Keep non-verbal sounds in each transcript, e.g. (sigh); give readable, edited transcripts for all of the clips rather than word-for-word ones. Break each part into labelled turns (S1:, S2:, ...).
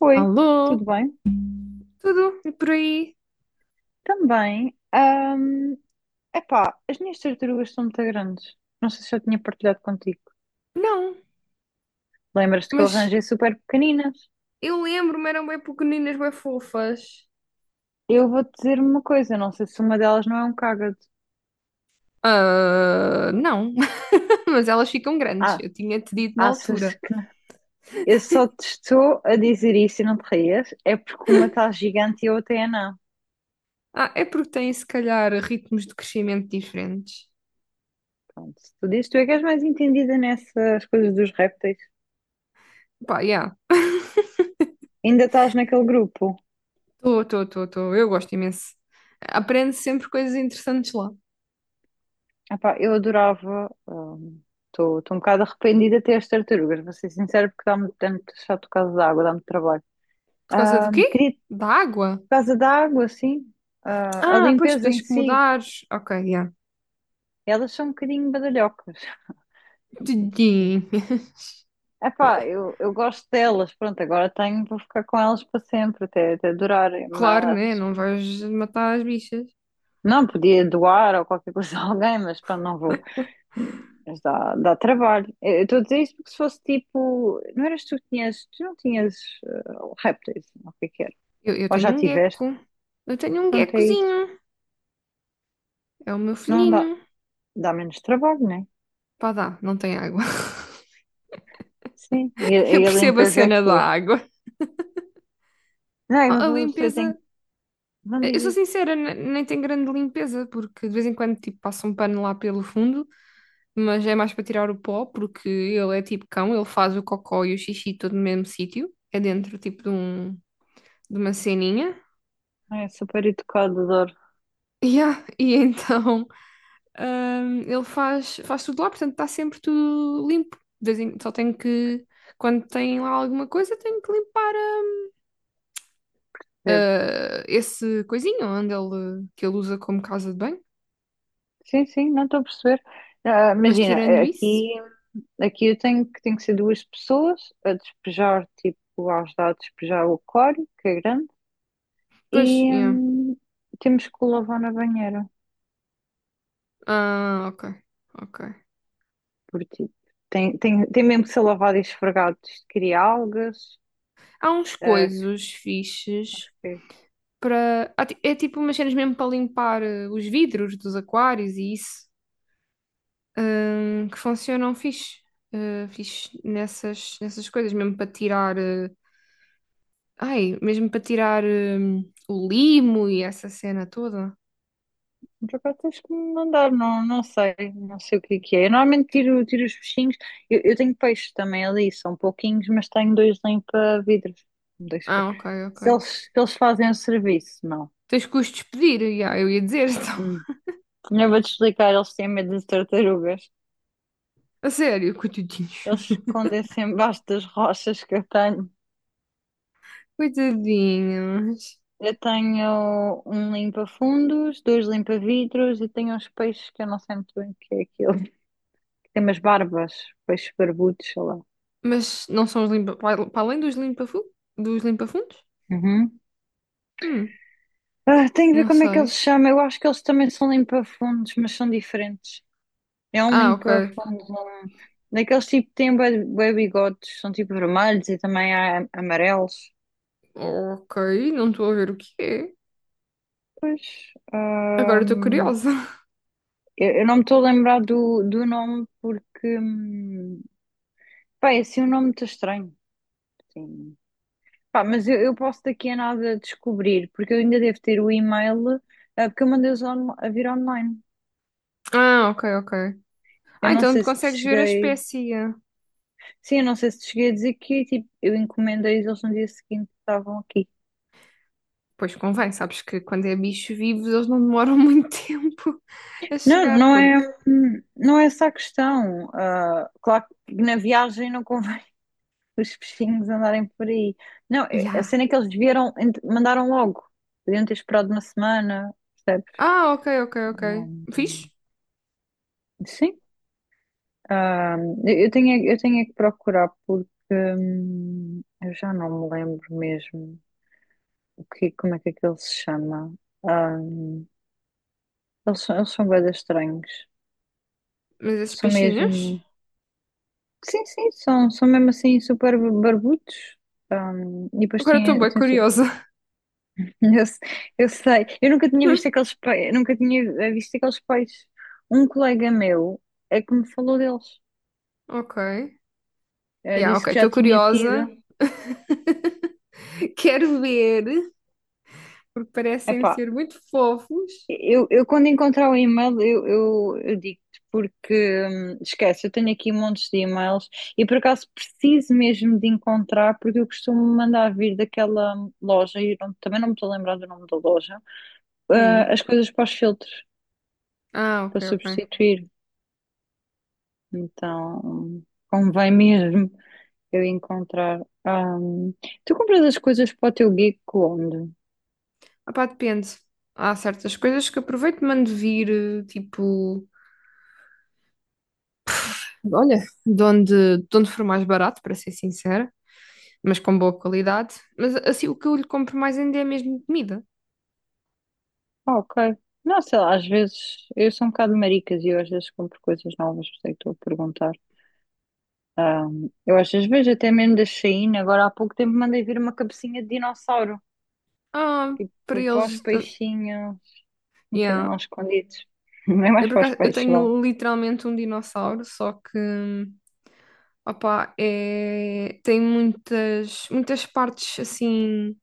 S1: Oi, tudo
S2: Alô?
S1: bem?
S2: Tudo? E por aí?
S1: Também. Epá, as minhas tartarugas são muito grandes. Não sei se eu tinha partilhado contigo.
S2: Não,
S1: Lembras-te que eu
S2: mas
S1: arranjei super pequeninas?
S2: eu lembro-me, eram bem pequeninas, bem fofas.
S1: Eu vou-te dizer uma coisa, não sei se uma delas não é um cágado.
S2: Ah, não, (laughs) mas elas ficam grandes,
S1: Ah,
S2: eu tinha-te dito na
S1: achas
S2: altura.
S1: que não? Eu só te estou a dizer isso e não te rias, é porque uma está gigante e a outra é não.
S2: Ah, é porque têm se calhar ritmos de crescimento diferentes.
S1: Pronto, se tu dizes, tu é que és mais entendida nessas coisas dos répteis.
S2: Pá, já,
S1: Ainda estás naquele grupo?
S2: estou, eu gosto imenso. Aprendo sempre coisas interessantes lá.
S1: Epá, eu adorava. Estou um bocado arrependida até as tartarugas, vou ser sincera, porque dá-me dá muito chato por causa da água, dá-me trabalho.
S2: Por causa do quê?
S1: Queria por
S2: Da água?
S1: causa da água, sim. Ah, a
S2: Ah, pois
S1: limpeza em
S2: tens que
S1: si,
S2: mudar. Ok, já.
S1: elas são um bocadinho badalhocas.
S2: Tudinho.
S1: (laughs)
S2: (laughs)
S1: Epá, eu gosto delas, pronto, agora tenho, vou ficar com elas para sempre, até durarem,
S2: Claro, né?
S1: mas
S2: Não vais matar as bichas.
S1: não podia doar ou qualquer coisa a alguém, mas pronto, não vou. Mas dá trabalho. Eu estou a dizer isso porque se fosse tipo. Não eras tu que tinhas. Tu não tinhas eh, répteis, ou o que é que era?
S2: Eu
S1: Ou
S2: tenho
S1: já
S2: um
S1: tiveste?
S2: gecko. Eu tenho um
S1: Pronto, é isso.
S2: geckozinho. É o meu
S1: Não
S2: filhinho.
S1: dá. Dá menos trabalho, né?
S2: Pá, dá, não tem água.
S1: Sim.
S2: (laughs) Eu
S1: E a
S2: percebo a
S1: limpeza é
S2: cena
S1: que.
S2: da água.
S1: Não,
S2: A
S1: mas
S2: a
S1: a pessoa
S2: limpeza.
S1: tem. Não
S2: Eu sou
S1: diz isso.
S2: sincera, nem tem grande limpeza, porque de vez em quando tipo, passa um pano lá pelo fundo, mas é mais para tirar o pó, porque ele é tipo cão, ele faz o cocó e o xixi todo no mesmo sítio. É dentro tipo de, um, de uma ceninha. (laughs)
S1: É super educado, adoro.
S2: Yeah, e então. Ele faz tudo lá, portanto está sempre tudo limpo. De só tenho que, quando tem lá alguma coisa, tenho que limpar
S1: É,
S2: esse coisinho onde ele usa como casa de banho.
S1: sim, sim, não estou a perceber. Ah,
S2: Mas
S1: imagina,
S2: tirando isso,
S1: aqui, aqui eu tenho que ser duas pessoas a despejar, tipo, a ajudar a despejar o aquário, que é grande.
S2: pois,
S1: E
S2: yeah.
S1: hum, temos que o lavar na banheira,
S2: Ah, ok, ok.
S1: porque tipo, tem mesmo que ser lavado e esfregado. Isto cria algas.
S2: Há uns
S1: ah,
S2: coisos fixes
S1: fiquei-
S2: para. É tipo umas cenas mesmo para limpar os vidros dos aquários e isso, que funcionam fixe, fixe nessas coisas, mesmo para Ai, mesmo para tirar o limo e essa cena toda?
S1: Por acaso tens que me mandar, não, não sei o que é que é. Eu normalmente tiro os peixinhos. Eu tenho peixes também ali, são pouquinhos, mas tenho dois limpa-vidros. Dois pe-
S2: Ah, ok, ok.
S1: Se eles, se eles fazem o serviço, não.
S2: Tens que os despedir, já, eu ia dizer, (laughs) então.
S1: Hum. Eu vou-te explicar, eles têm medo de tartarugas.
S2: A sério, coitadinhos.
S1: Eles
S2: (laughs)
S1: escondem-se embaixo das rochas que eu tenho.
S2: Coitadinhos.
S1: Eu tenho um limpa-fundos, dois limpa-vidros e tenho uns peixes que eu não sei muito bem o que é aquilo. (laughs) Que tem umas barbas, peixes barbudos, sei lá.
S2: Mas não são os limpa... Para além dos limpa-fu... dos limpa-fundos?
S1: Uhum.
S2: Hum,
S1: Ah, tenho que ver
S2: não
S1: como é que eles
S2: sei.
S1: se chamam. Eu acho que eles também são limpa-fundos, mas são diferentes. É um
S2: Ah, ok.
S1: limpa-fundos, um... daqueles tipo que têm bué bué bigodes, são tipo vermelhos e também há amarelos.
S2: Ok, não estou a ver o que é.
S1: Pois,
S2: Agora estou curiosa. (laughs)
S1: eu não me estou a lembrar do nome porque, pá, é assim um nome muito estranho. Sim. Pá, mas eu posso daqui a nada descobrir, porque eu ainda devo ter o e-mail, porque eu a vir online.
S2: Ah, ok, ok.
S1: Eu
S2: Ah,
S1: não
S2: então tu
S1: sei se te
S2: consegues ver a
S1: cheguei.
S2: espécie.
S1: Sim, eu não sei se te cheguei a dizer que tipo, eu encomendei-os, eles no dia seguinte estavam aqui.
S2: Pois convém, sabes que quando é bicho vivo eles não demoram (laughs) muito tempo a
S1: Não,
S2: chegar,
S1: não é,
S2: porque
S1: não é essa a questão. Ah, claro que na viagem não convém (laughs) os peixinhos andarem por aí. Não, a
S2: Ya.
S1: cena é que eles mandaram logo. Podiam ter esperado uma semana, percebes?
S2: Ah, ok, ok, ok.
S1: Não-
S2: Fixe.
S1: Sim. Ah, eu tenho, eu tenho é que procurar porque eu já não me lembro mesmo como é que aquele se chama. Ah, eles são bué de estranhos.
S2: Mas esses
S1: São
S2: peixinhos?
S1: mesmo. Sim, são mesmo assim super barbudos. Ah, e depois
S2: Agora estou bem curiosa.
S1: (laughs) eu, se- eu sei, eu nunca tinha visto
S2: (laughs)
S1: aqueles peixes, nunca tinha visto aqueles peixes. Um colega meu é que me falou deles.
S2: Ok. Yeah,
S1: Disse
S2: ok,
S1: que já
S2: estou
S1: tinha tido.
S2: curiosa. (laughs) Quero ver, porque parecem
S1: Epá,
S2: ser muito fofos.
S1: eu quando encontrar o e-mail, eu digo-te, porque esquece, eu tenho aqui montes de e-mails e por acaso preciso mesmo de encontrar, porque eu costumo mandar vir daquela loja, e também não me estou a lembrar do nome da loja, ah,
S2: Hum.
S1: as coisas para os filtros,
S2: Ah,
S1: para
S2: ok, ok.
S1: substituir. Então, convém mesmo eu encontrar. Ah, tu compras as coisas para o teu geek onde?
S2: Ah, pá, depende. Há certas coisas que aproveito e mando vir, tipo, olha, de onde for mais barato, para ser sincera, mas com boa qualidade. Mas assim, o que eu lhe compro mais ainda é mesmo comida.
S1: Ah, ok. Não, sei lá, às vezes eu sou um bocado maricas e eu às vezes compro coisas novas, por isso é que estou a perguntar. Eu às vezes vejo até mesmo da Shein, agora há pouco tempo mandei vir uma cabecinha de dinossauro,
S2: Ah, para
S1: tipo para os
S2: eles. Ah,
S1: peixinhos meterem
S2: Yeah.
S1: lá escondidos. (laughs) Não é mais para os
S2: Eu
S1: peixes, vá.
S2: tenho literalmente um dinossauro, só que, opá, é... tem muitas partes assim,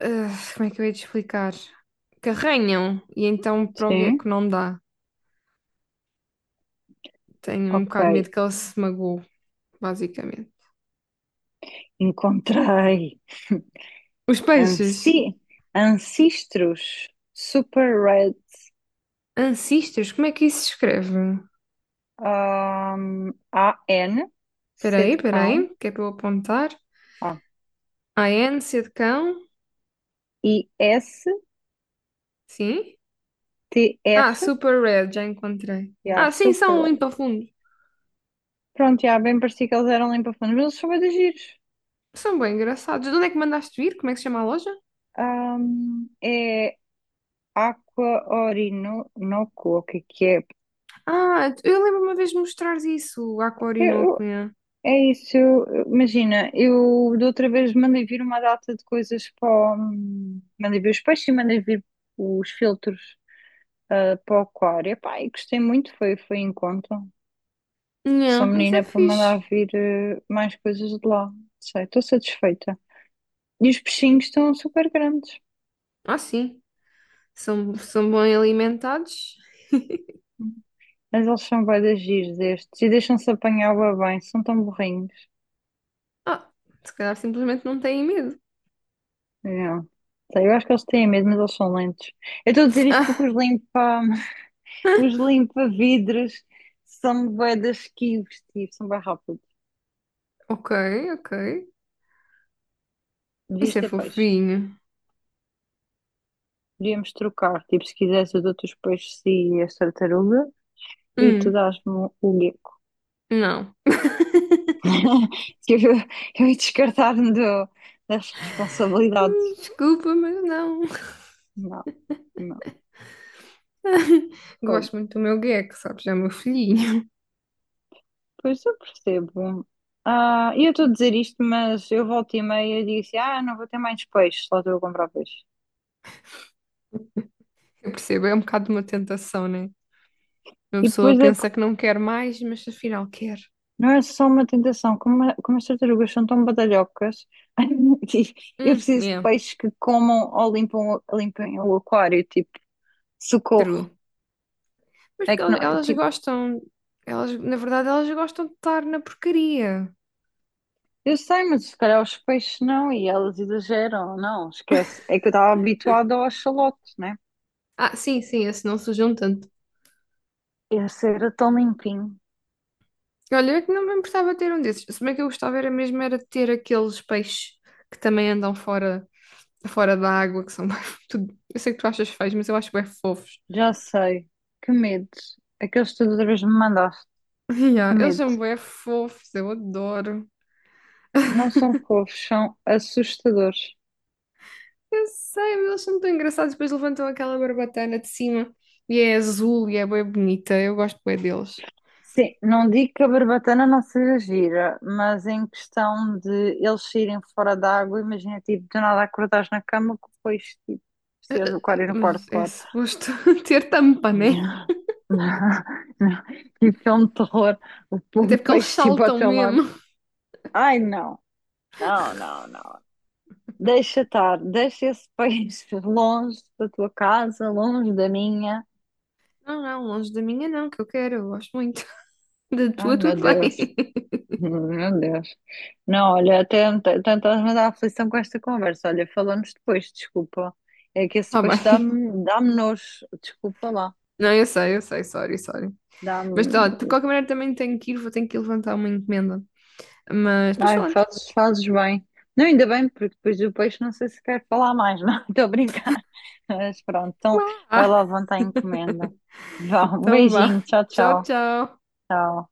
S2: ah, como é que eu ia te explicar? Que arranham, e então para o
S1: Sim,
S2: gecko não dá. Tenho um
S1: ok.
S2: bocado de medo que ele se magoe, basicamente.
S1: Encontrei.
S2: Os
S1: (laughs)
S2: peixes,
S1: Anci Ancestros Super Red
S2: ancestors, como é que isso se escreve?
S1: AN, C de
S2: Espera aí,
S1: cão,
S2: que é para eu apontar.
S1: ah,
S2: AN, C de cão,
S1: I, S,
S2: sim.
S1: T, R,
S2: Ah, super red, já encontrei.
S1: yeah,
S2: Ah, sim,
S1: Super
S2: são
S1: Red.
S2: limpa-fundos.
S1: Pronto, já bem parecia que eles eram limpa-fundos, mas eles são bué de giros.
S2: São bem engraçados. De onde é que mandaste vir? Como é que se chama a loja?
S1: É Aqua Orinoco, o que é que é?
S2: Ah, eu lembro uma vez de mostrares isso à Corinoco.
S1: Eu-
S2: Yeah.
S1: É isso, imagina, eu da outra vez mandei vir uma data de coisas para mandei vir os peixes e mandei vir os filtros para o aquário. Epá, e gostei muito, foi em conta. Sou
S2: Yeah, isso é
S1: menina para
S2: fixe.
S1: mandar vir mais coisas de lá. Não sei, estou satisfeita. E os peixinhos estão super grandes.
S2: Ah, sim. São bem alimentados.
S1: Mas eles são bué de giros estes e deixam-se apanhar bué bem, são tão burrinhos.
S2: Ah, se calhar simplesmente não têm medo.
S1: Yeah. Eu acho que eles têm mesmo, mas eles são lentos. Eu estou a dizer isto
S2: Ah,
S1: porque (laughs) os limpa-vidros são bué de esquivos, tipo, são bem rápidos.
S2: ok, ok.
S1: Devias
S2: Isso é
S1: ter peixe.
S2: fofinho.
S1: Devíamos trocar, tipo, se quisesse, eu dou-te os peixes e as tartaruga e tu
S2: Hum,
S1: dás-me o gecko.
S2: não.
S1: (laughs) Que Eu, eu ia das responsabilidades.
S2: Desculpa, mas não.
S1: Não, não.
S2: (laughs)
S1: Oh,
S2: Gosto muito do meu gecko, sabes? É o meu filhinho.
S1: pois eu percebo. Ah, e eu estou a dizer isto, mas eu volto e meia e digo assim: ah, não vou ter mais peixe, só estou a comprar peixe.
S2: Eu percebo, é um bocado de uma tentação, né? Uma
S1: E
S2: pessoa
S1: depois é
S2: pensa
S1: porque
S2: que não quer mais, mas afinal quer.
S1: não é só uma tentação, como, como as tartarugas são tão badalhocas, (laughs) e eu preciso de
S2: Yeah,
S1: peixes que comam ou limpam, limpem o aquário, tipo, socorro.
S2: true. Mas
S1: É
S2: porque
S1: que
S2: elas,
S1: não,
S2: elas
S1: tipo,
S2: gostam, elas, na verdade, elas gostam de estar na porcaria.
S1: eu sei, mas se calhar os peixes não, e elas exageram, não, esquece. É que eu estava habituada ao axolote, né?
S2: Ah, sim, sim, esse não sujam tanto.
S1: Esse era tão limpinho,
S2: Olha, eu é que não me importava ter um desses. Se bem que eu gostava era mesmo era de ter aqueles peixes que também andam fora, fora da água, que são mais... (laughs) tudo- Eu sei que tu achas feios, mas eu acho bem fofos.
S1: já sei, que medo. Aqueles tartarugas me mandaste,
S2: (laughs) Ya,
S1: que
S2: eles
S1: medo.
S2: são bem fofos, eu adoro.
S1: Não são fofos, são assustadores.
S2: Eu sei, mas eles são tão engraçados. Depois levantam aquela barbatana de cima e é azul e é bem bonita. Eu gosto bem deles.
S1: Sim, não digo que a barbatana não seja gira, mas em questão de eles saírem fora da água, imagina, tipo, do nada acordares na cama que foi tipo, se do aquário no quarto,
S2: Mas é
S1: claro.
S2: suposto (laughs) ter tampa,
S1: (laughs)
S2: né?
S1: Não, não. Tipo, filme de terror,
S2: Até
S1: o
S2: porque eles
S1: peixe tipo ao
S2: saltam
S1: teu lado.
S2: mesmo.
S1: Ai, não, não. Deixa estar, deixa esse (laughs) peixe longe da tua casa, longe da minha.
S2: Não, não, longe da minha não, que eu quero, eu gosto muito. (laughs) Da
S1: Ai,
S2: tua,
S1: meu
S2: tudo
S1: Deus.
S2: bem. (laughs)
S1: Meu Deus. Não, olha, até estás-me a dar aflição com esta conversa. Olha, falamos depois, desculpa. É que esse
S2: Ah,
S1: depois
S2: bem.
S1: dá-me nojo. Desculpa lá.
S2: Não, eu sei, sorry, sorry. Mas tá,
S1: Dá-me.
S2: de qualquer maneira também tenho que ir, vou ter que levantar uma encomenda. Mas depois
S1: Ai,
S2: falamos.
S1: fazes bem. Não, ainda bem, porque depois do peixe não sei se quero falar mais, não. (laughs) Estou a brincar. Mas pronto, então
S2: Uá.
S1: vai lá levantar a encomenda. Vá, um
S2: Então vá.
S1: beijinho. Tchau,
S2: Tchau,
S1: tchau.
S2: tchau.
S1: Tchau.